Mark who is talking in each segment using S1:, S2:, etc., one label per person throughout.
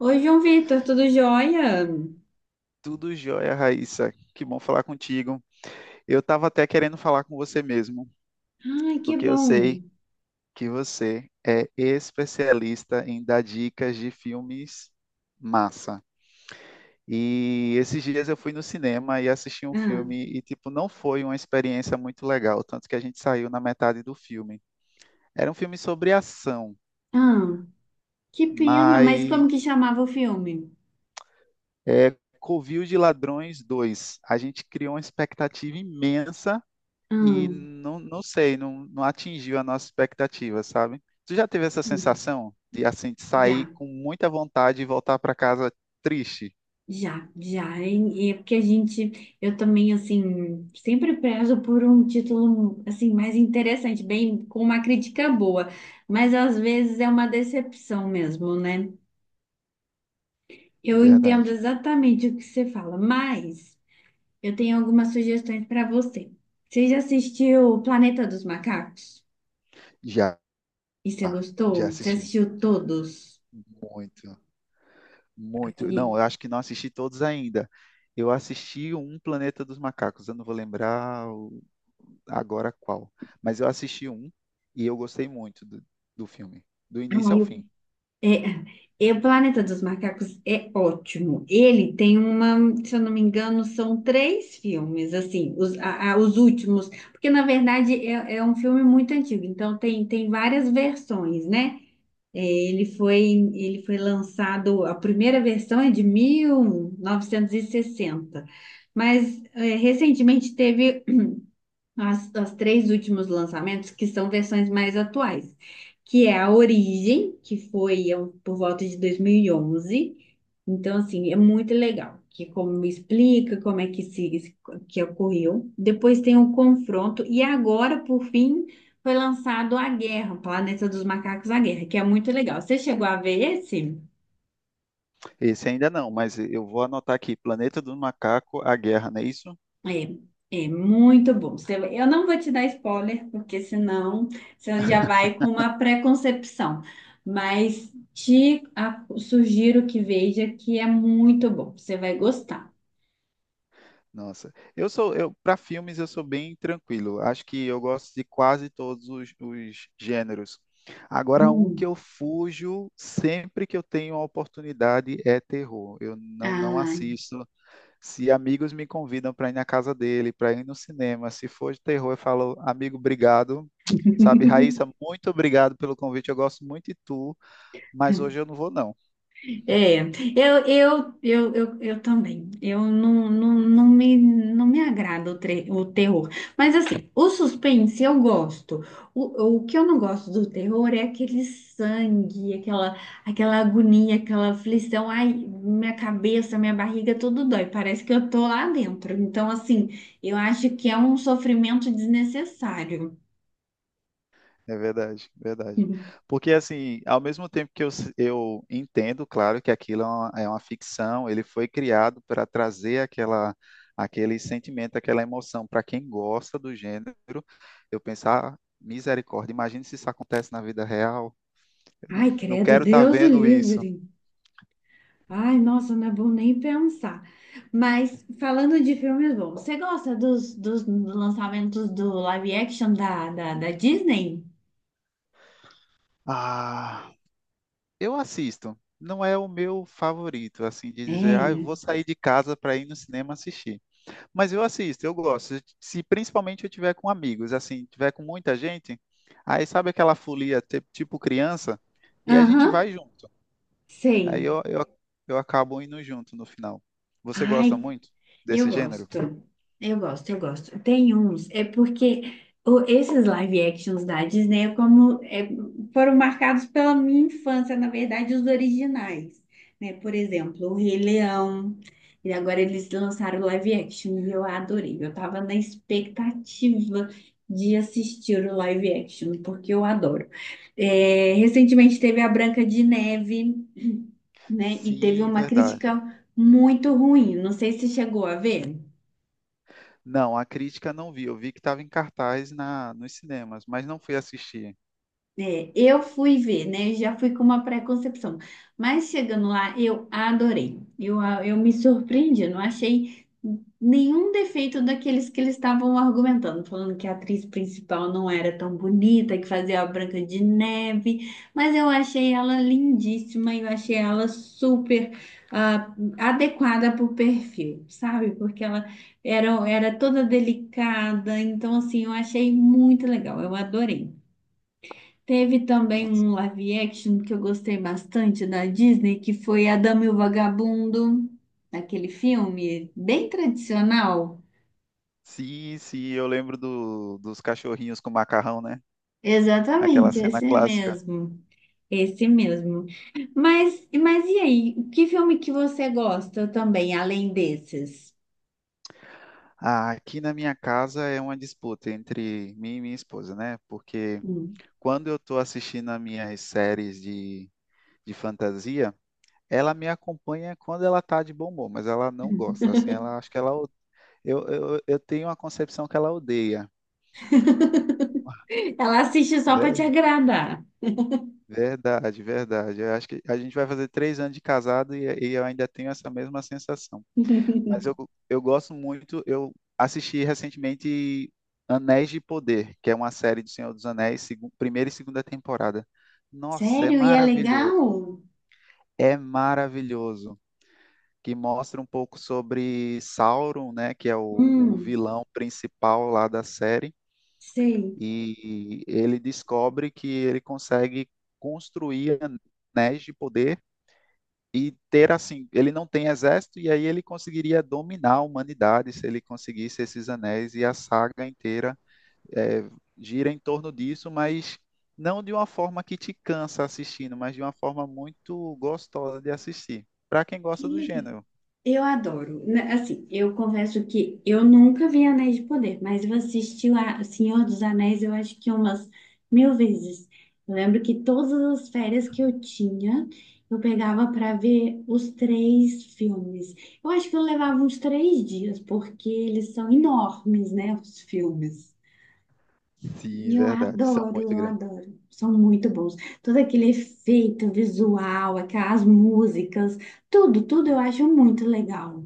S1: Oi, João Vitor, tudo jóia?
S2: Tudo jóia, Raíssa. Que bom falar contigo. Eu estava até querendo falar com você mesmo,
S1: Ai, que
S2: porque eu
S1: bom.
S2: sei que você é especialista em dar dicas de filmes massa. E esses dias eu fui no cinema e assisti um
S1: Ah,
S2: filme e, tipo, não foi uma experiência muito legal, tanto que a gente saiu na metade do filme. Era um filme sobre ação,
S1: ah, que pena, mas como
S2: mas
S1: que chamava o filme?
S2: é Covil de Ladrões 2. A gente criou uma expectativa imensa e
S1: Ah,
S2: não sei, não atingiu a nossa expectativa, sabe? Tu já teve essa
S1: hum,
S2: sensação de assim de sair
S1: já,
S2: com muita vontade e voltar para casa triste?
S1: já, já. E é porque a gente, eu também, assim, sempre prezo por um título, assim, mais interessante, bem, com uma crítica boa, mas às vezes é uma decepção mesmo, né? Eu entendo
S2: Verdade.
S1: exatamente o que você fala, mas. Eu tenho algumas sugestões para você. Você já assistiu o Planeta dos Macacos?
S2: Já,
S1: E você
S2: já
S1: gostou? Você
S2: assisti.
S1: assistiu todos?
S2: Muito, muito.
S1: E,
S2: Não, eu acho que não assisti todos ainda. Eu assisti um Planeta dos Macacos, eu não vou lembrar agora qual, mas eu assisti um e eu gostei muito do filme, do início ao
S1: ai, eu-
S2: fim.
S1: é, e o Planeta dos Macacos é ótimo. Ele tem uma, se eu não me engano, são três filmes, assim, os últimos, porque na verdade é um filme muito antigo, então tem várias versões, né? É, Ele foi, ele foi lançado, a primeira versão é de 1960, mas recentemente teve as três últimos lançamentos, que são versões mais atuais, que é a Origem, que foi por volta de 2011. Então, assim, é muito legal, que é como explica como é que se que ocorreu. Depois tem o Confronto e agora, por fim, foi lançado A Guerra, Planeta dos Macacos, A Guerra, que é muito legal. Você chegou a ver esse?
S2: Esse ainda não, mas eu vou anotar aqui, Planeta do Macaco, A Guerra, não é isso?
S1: É, é muito bom. Eu não vou te dar spoiler, porque senão você já vai com uma preconcepção. Mas te sugiro que veja que é muito bom. Você vai gostar.
S2: Nossa, eu para filmes eu sou bem tranquilo. Acho que eu gosto de quase todos os gêneros. Agora, um que
S1: Hum.
S2: eu fujo sempre que eu tenho a oportunidade é terror. Eu não
S1: Ai.
S2: assisto. Se amigos me convidam para ir na casa dele, para ir no cinema, se for de terror, eu falo, amigo, obrigado. Sabe, Raíssa, muito obrigado pelo convite. Eu gosto muito de tu, mas hoje eu não vou, não.
S1: É, eu também. Eu não me agrada o terror. Mas assim, o suspense eu gosto. O que eu não gosto do terror é aquele sangue, aquela agonia, aquela aflição. Ai, minha cabeça, minha barriga, tudo dói. Parece que eu tô lá dentro. Então, assim, eu acho que é um sofrimento desnecessário.
S2: É verdade, verdade. Porque, assim, ao mesmo tempo que eu entendo, claro, que aquilo é uma ficção, ele foi criado para trazer aquela, aquele sentimento, aquela emoção para quem gosta do gênero. Eu pensar, "Ah, misericórdia, imagine se isso acontece na vida real.
S1: Ai,
S2: Não
S1: credo,
S2: quero estar
S1: Deus o
S2: vendo isso.
S1: livre. Ai, nossa, não é bom nem pensar. Mas falando de filmes bons, você gosta dos lançamentos do live action da Disney?
S2: Ah, eu assisto. Não é o meu favorito, assim, de dizer, ah, eu vou
S1: É.
S2: sair de casa para ir no cinema assistir. Mas eu assisto, eu gosto. Se principalmente eu tiver com amigos, assim, tiver com muita gente, aí sabe aquela folia tipo criança? E a gente
S1: Aham,
S2: vai junto. Aí
S1: sei.
S2: eu acabo indo junto no final. Você gosta
S1: Ai,
S2: muito
S1: eu
S2: desse gênero?
S1: gosto, eu gosto, eu gosto. Tem uns, é porque esses live actions da Disney é como, foram marcados pela minha infância, na verdade, os originais, né? Por exemplo, o Rei Leão, e agora eles lançaram o live action e eu adorei. Eu tava na expectativa de assistir o live action, porque eu adoro. Recentemente teve a Branca de Neve, né? E teve
S2: Sim,
S1: uma
S2: verdade.
S1: crítica muito ruim. Não sei se chegou a ver.
S2: Não, a crítica não vi. Eu vi que estava em cartaz nos cinemas, mas não fui assistir.
S1: Eu fui ver, né? Já fui com uma pré-concepção. Mas chegando lá, eu adorei. Eu me surpreendi, não achei nenhum defeito daqueles que eles estavam argumentando, falando que a atriz principal não era tão bonita, que fazia a Branca de Neve. Mas eu achei ela lindíssima, e eu achei ela super ah, adequada para o perfil, sabe? Porque ela era toda delicada, então assim, eu achei muito legal, eu adorei. Teve também
S2: Nossa.
S1: um live action que eu gostei bastante da Disney, que foi a Dama e o Vagabundo, aquele filme bem tradicional.
S2: Sim, sim, eu lembro dos cachorrinhos com macarrão, né? Aquela
S1: Exatamente,
S2: cena
S1: esse
S2: clássica.
S1: mesmo. Esse mesmo. Mas e aí, que filme que você gosta também, além desses?
S2: Ah, aqui na minha casa é uma disputa entre mim e minha esposa, né? Porque
S1: Hum.
S2: quando eu estou assistindo as minhas séries de fantasia, ela me acompanha quando ela tá de bom humor, mas ela não gosta, assim, ela acho que eu tenho uma concepção que ela odeia.
S1: Ela assiste só para te
S2: Ver-
S1: agradar.
S2: Verdade, verdade. Eu acho que a gente vai fazer três anos de casado e eu ainda tenho essa mesma sensação. Mas eu, eu gosto muito, eu assisti recentemente Anéis de Poder, que é uma série do Senhor dos Anéis, primeira e segunda temporada. Nossa, é
S1: Sério? E é
S2: maravilhoso.
S1: legal?
S2: É maravilhoso. Que mostra um pouco sobre Sauron, né, que é o
S1: Hum,
S2: vilão principal lá da série,
S1: sei.
S2: e ele descobre que ele consegue construir anéis de poder e ter assim, ele não tem exército e aí ele conseguiria dominar a humanidade se ele conseguisse esses anéis e a saga inteira é, gira em torno disso, mas não de uma forma que te cansa assistindo, mas de uma forma muito gostosa de assistir, para quem
S1: Que
S2: gosta do
S1: legal.
S2: gênero.
S1: Eu adoro. Né, assim, eu confesso que eu nunca vi Anéis de Poder, mas eu assisti Senhor dos Anéis, eu acho que umas mil vezes. Eu lembro que todas as férias que eu tinha, eu pegava para ver os três filmes. Eu acho que eu levava uns 3 dias, porque eles são enormes, né, os filmes.
S2: Sim,
S1: E eu
S2: verdade, são
S1: adoro,
S2: muito
S1: eu
S2: grandes.
S1: adoro. São muito bons. Todo aquele efeito visual, aquelas músicas, tudo, tudo eu acho muito legal.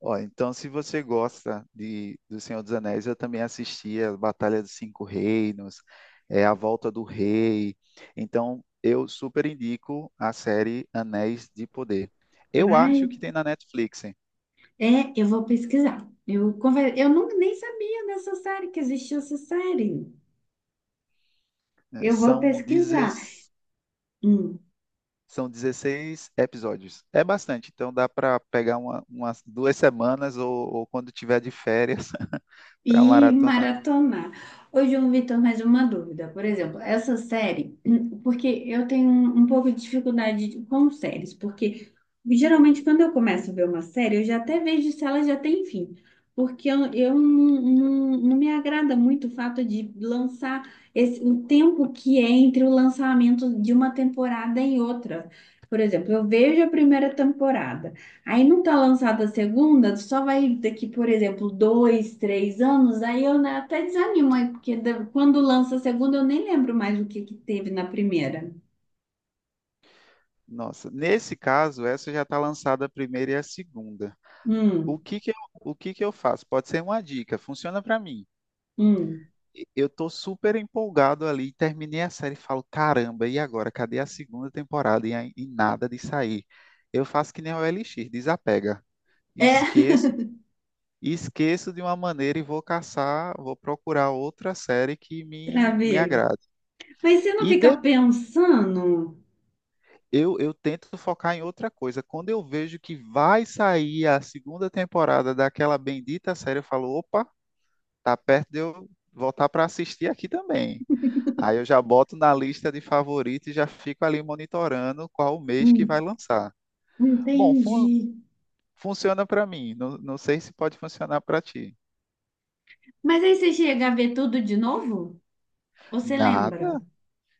S2: Ó, então, se você gosta de do Senhor dos Anéis, eu também assisti a Batalha dos Cinco Reinos, é, A Volta do Rei. Então, eu super indico a série Anéis de Poder. Eu acho
S1: Ai,
S2: que tem na Netflix, hein?
S1: eu vou pesquisar. Eu não, nem sabia dessa série, que existia essa série.
S2: É,
S1: Eu vou
S2: são,
S1: pesquisar.
S2: 16
S1: Hum.
S2: são 16 episódios. É bastante, então dá para pegar uma, umas duas semanas ou quando tiver de férias para
S1: E
S2: maratonar.
S1: maratonar. Ô, João Vitor, mais uma dúvida. Por exemplo, essa série, porque eu tenho um pouco de dificuldade com séries, porque geralmente quando eu começo a ver uma série, eu já até vejo se ela já tem fim. Porque eu não me agrada muito o fato de lançar esse, o tempo que é entre o lançamento de uma temporada e outra. Por exemplo, eu vejo a primeira temporada. Aí não tá lançada a segunda, só vai daqui, por exemplo, 2, 3 anos, aí eu, né, até desanimo, aí, porque quando lança a segunda eu nem lembro mais o que que teve na primeira.
S2: Nossa, nesse caso, essa já está lançada a primeira e a segunda. O
S1: Hum,
S2: que que eu, o que que eu faço? Pode ser uma dica, funciona para mim.
S1: hum.
S2: Eu tô super empolgado ali, terminei a série e falo, caramba, e agora? Cadê a segunda temporada? E nada de sair. Eu faço que nem o Elixir, desapega.
S1: É,
S2: Esqueço, Esqueço de uma maneira e vou caçar, vou procurar outra série que me
S1: travei.
S2: agrade.
S1: Mas você não
S2: E
S1: fica
S2: de,
S1: pensando?
S2: eu tento focar em outra coisa. Quando eu vejo que vai sair a segunda temporada daquela bendita série, eu falo, opa, tá perto de eu voltar para assistir aqui também. Aí eu já boto na lista de favoritos e já fico ali monitorando qual o mês que vai
S1: Hum,
S2: lançar. Bom,
S1: entendi.
S2: funciona para mim, não sei se pode funcionar para ti.
S1: Mas aí você chega a ver tudo de novo? Ou você lembra
S2: Nada,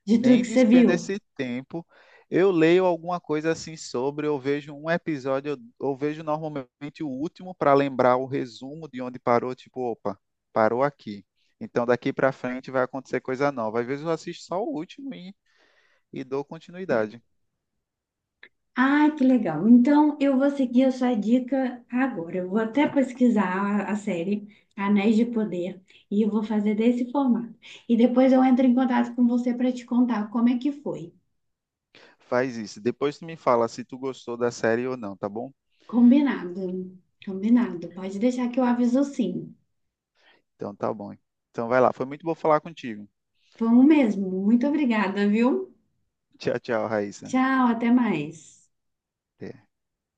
S1: de tudo
S2: nem
S1: que você
S2: despendo
S1: viu?
S2: esse tempo. Eu leio alguma coisa assim sobre, eu vejo um episódio, eu vejo normalmente o último para lembrar o resumo de onde parou, tipo, opa, parou aqui. Então daqui para frente vai acontecer coisa nova. Às vezes eu assisto só o último e dou continuidade.
S1: Ai, que legal. Então, eu vou seguir a sua dica agora. Eu vou até pesquisar a série Anéis de Poder e eu vou fazer desse formato. E depois eu entro em contato com você para te contar como é que foi.
S2: Faz isso. Depois tu me fala se tu gostou da série ou não, tá bom?
S1: Combinado. Combinado. Pode deixar que eu aviso sim.
S2: Então tá bom. Então vai lá. Foi muito bom falar contigo.
S1: Foi um mesmo. Muito obrigada, viu?
S2: Tchau, tchau, Raíssa.
S1: Tchau, até mais.
S2: Até.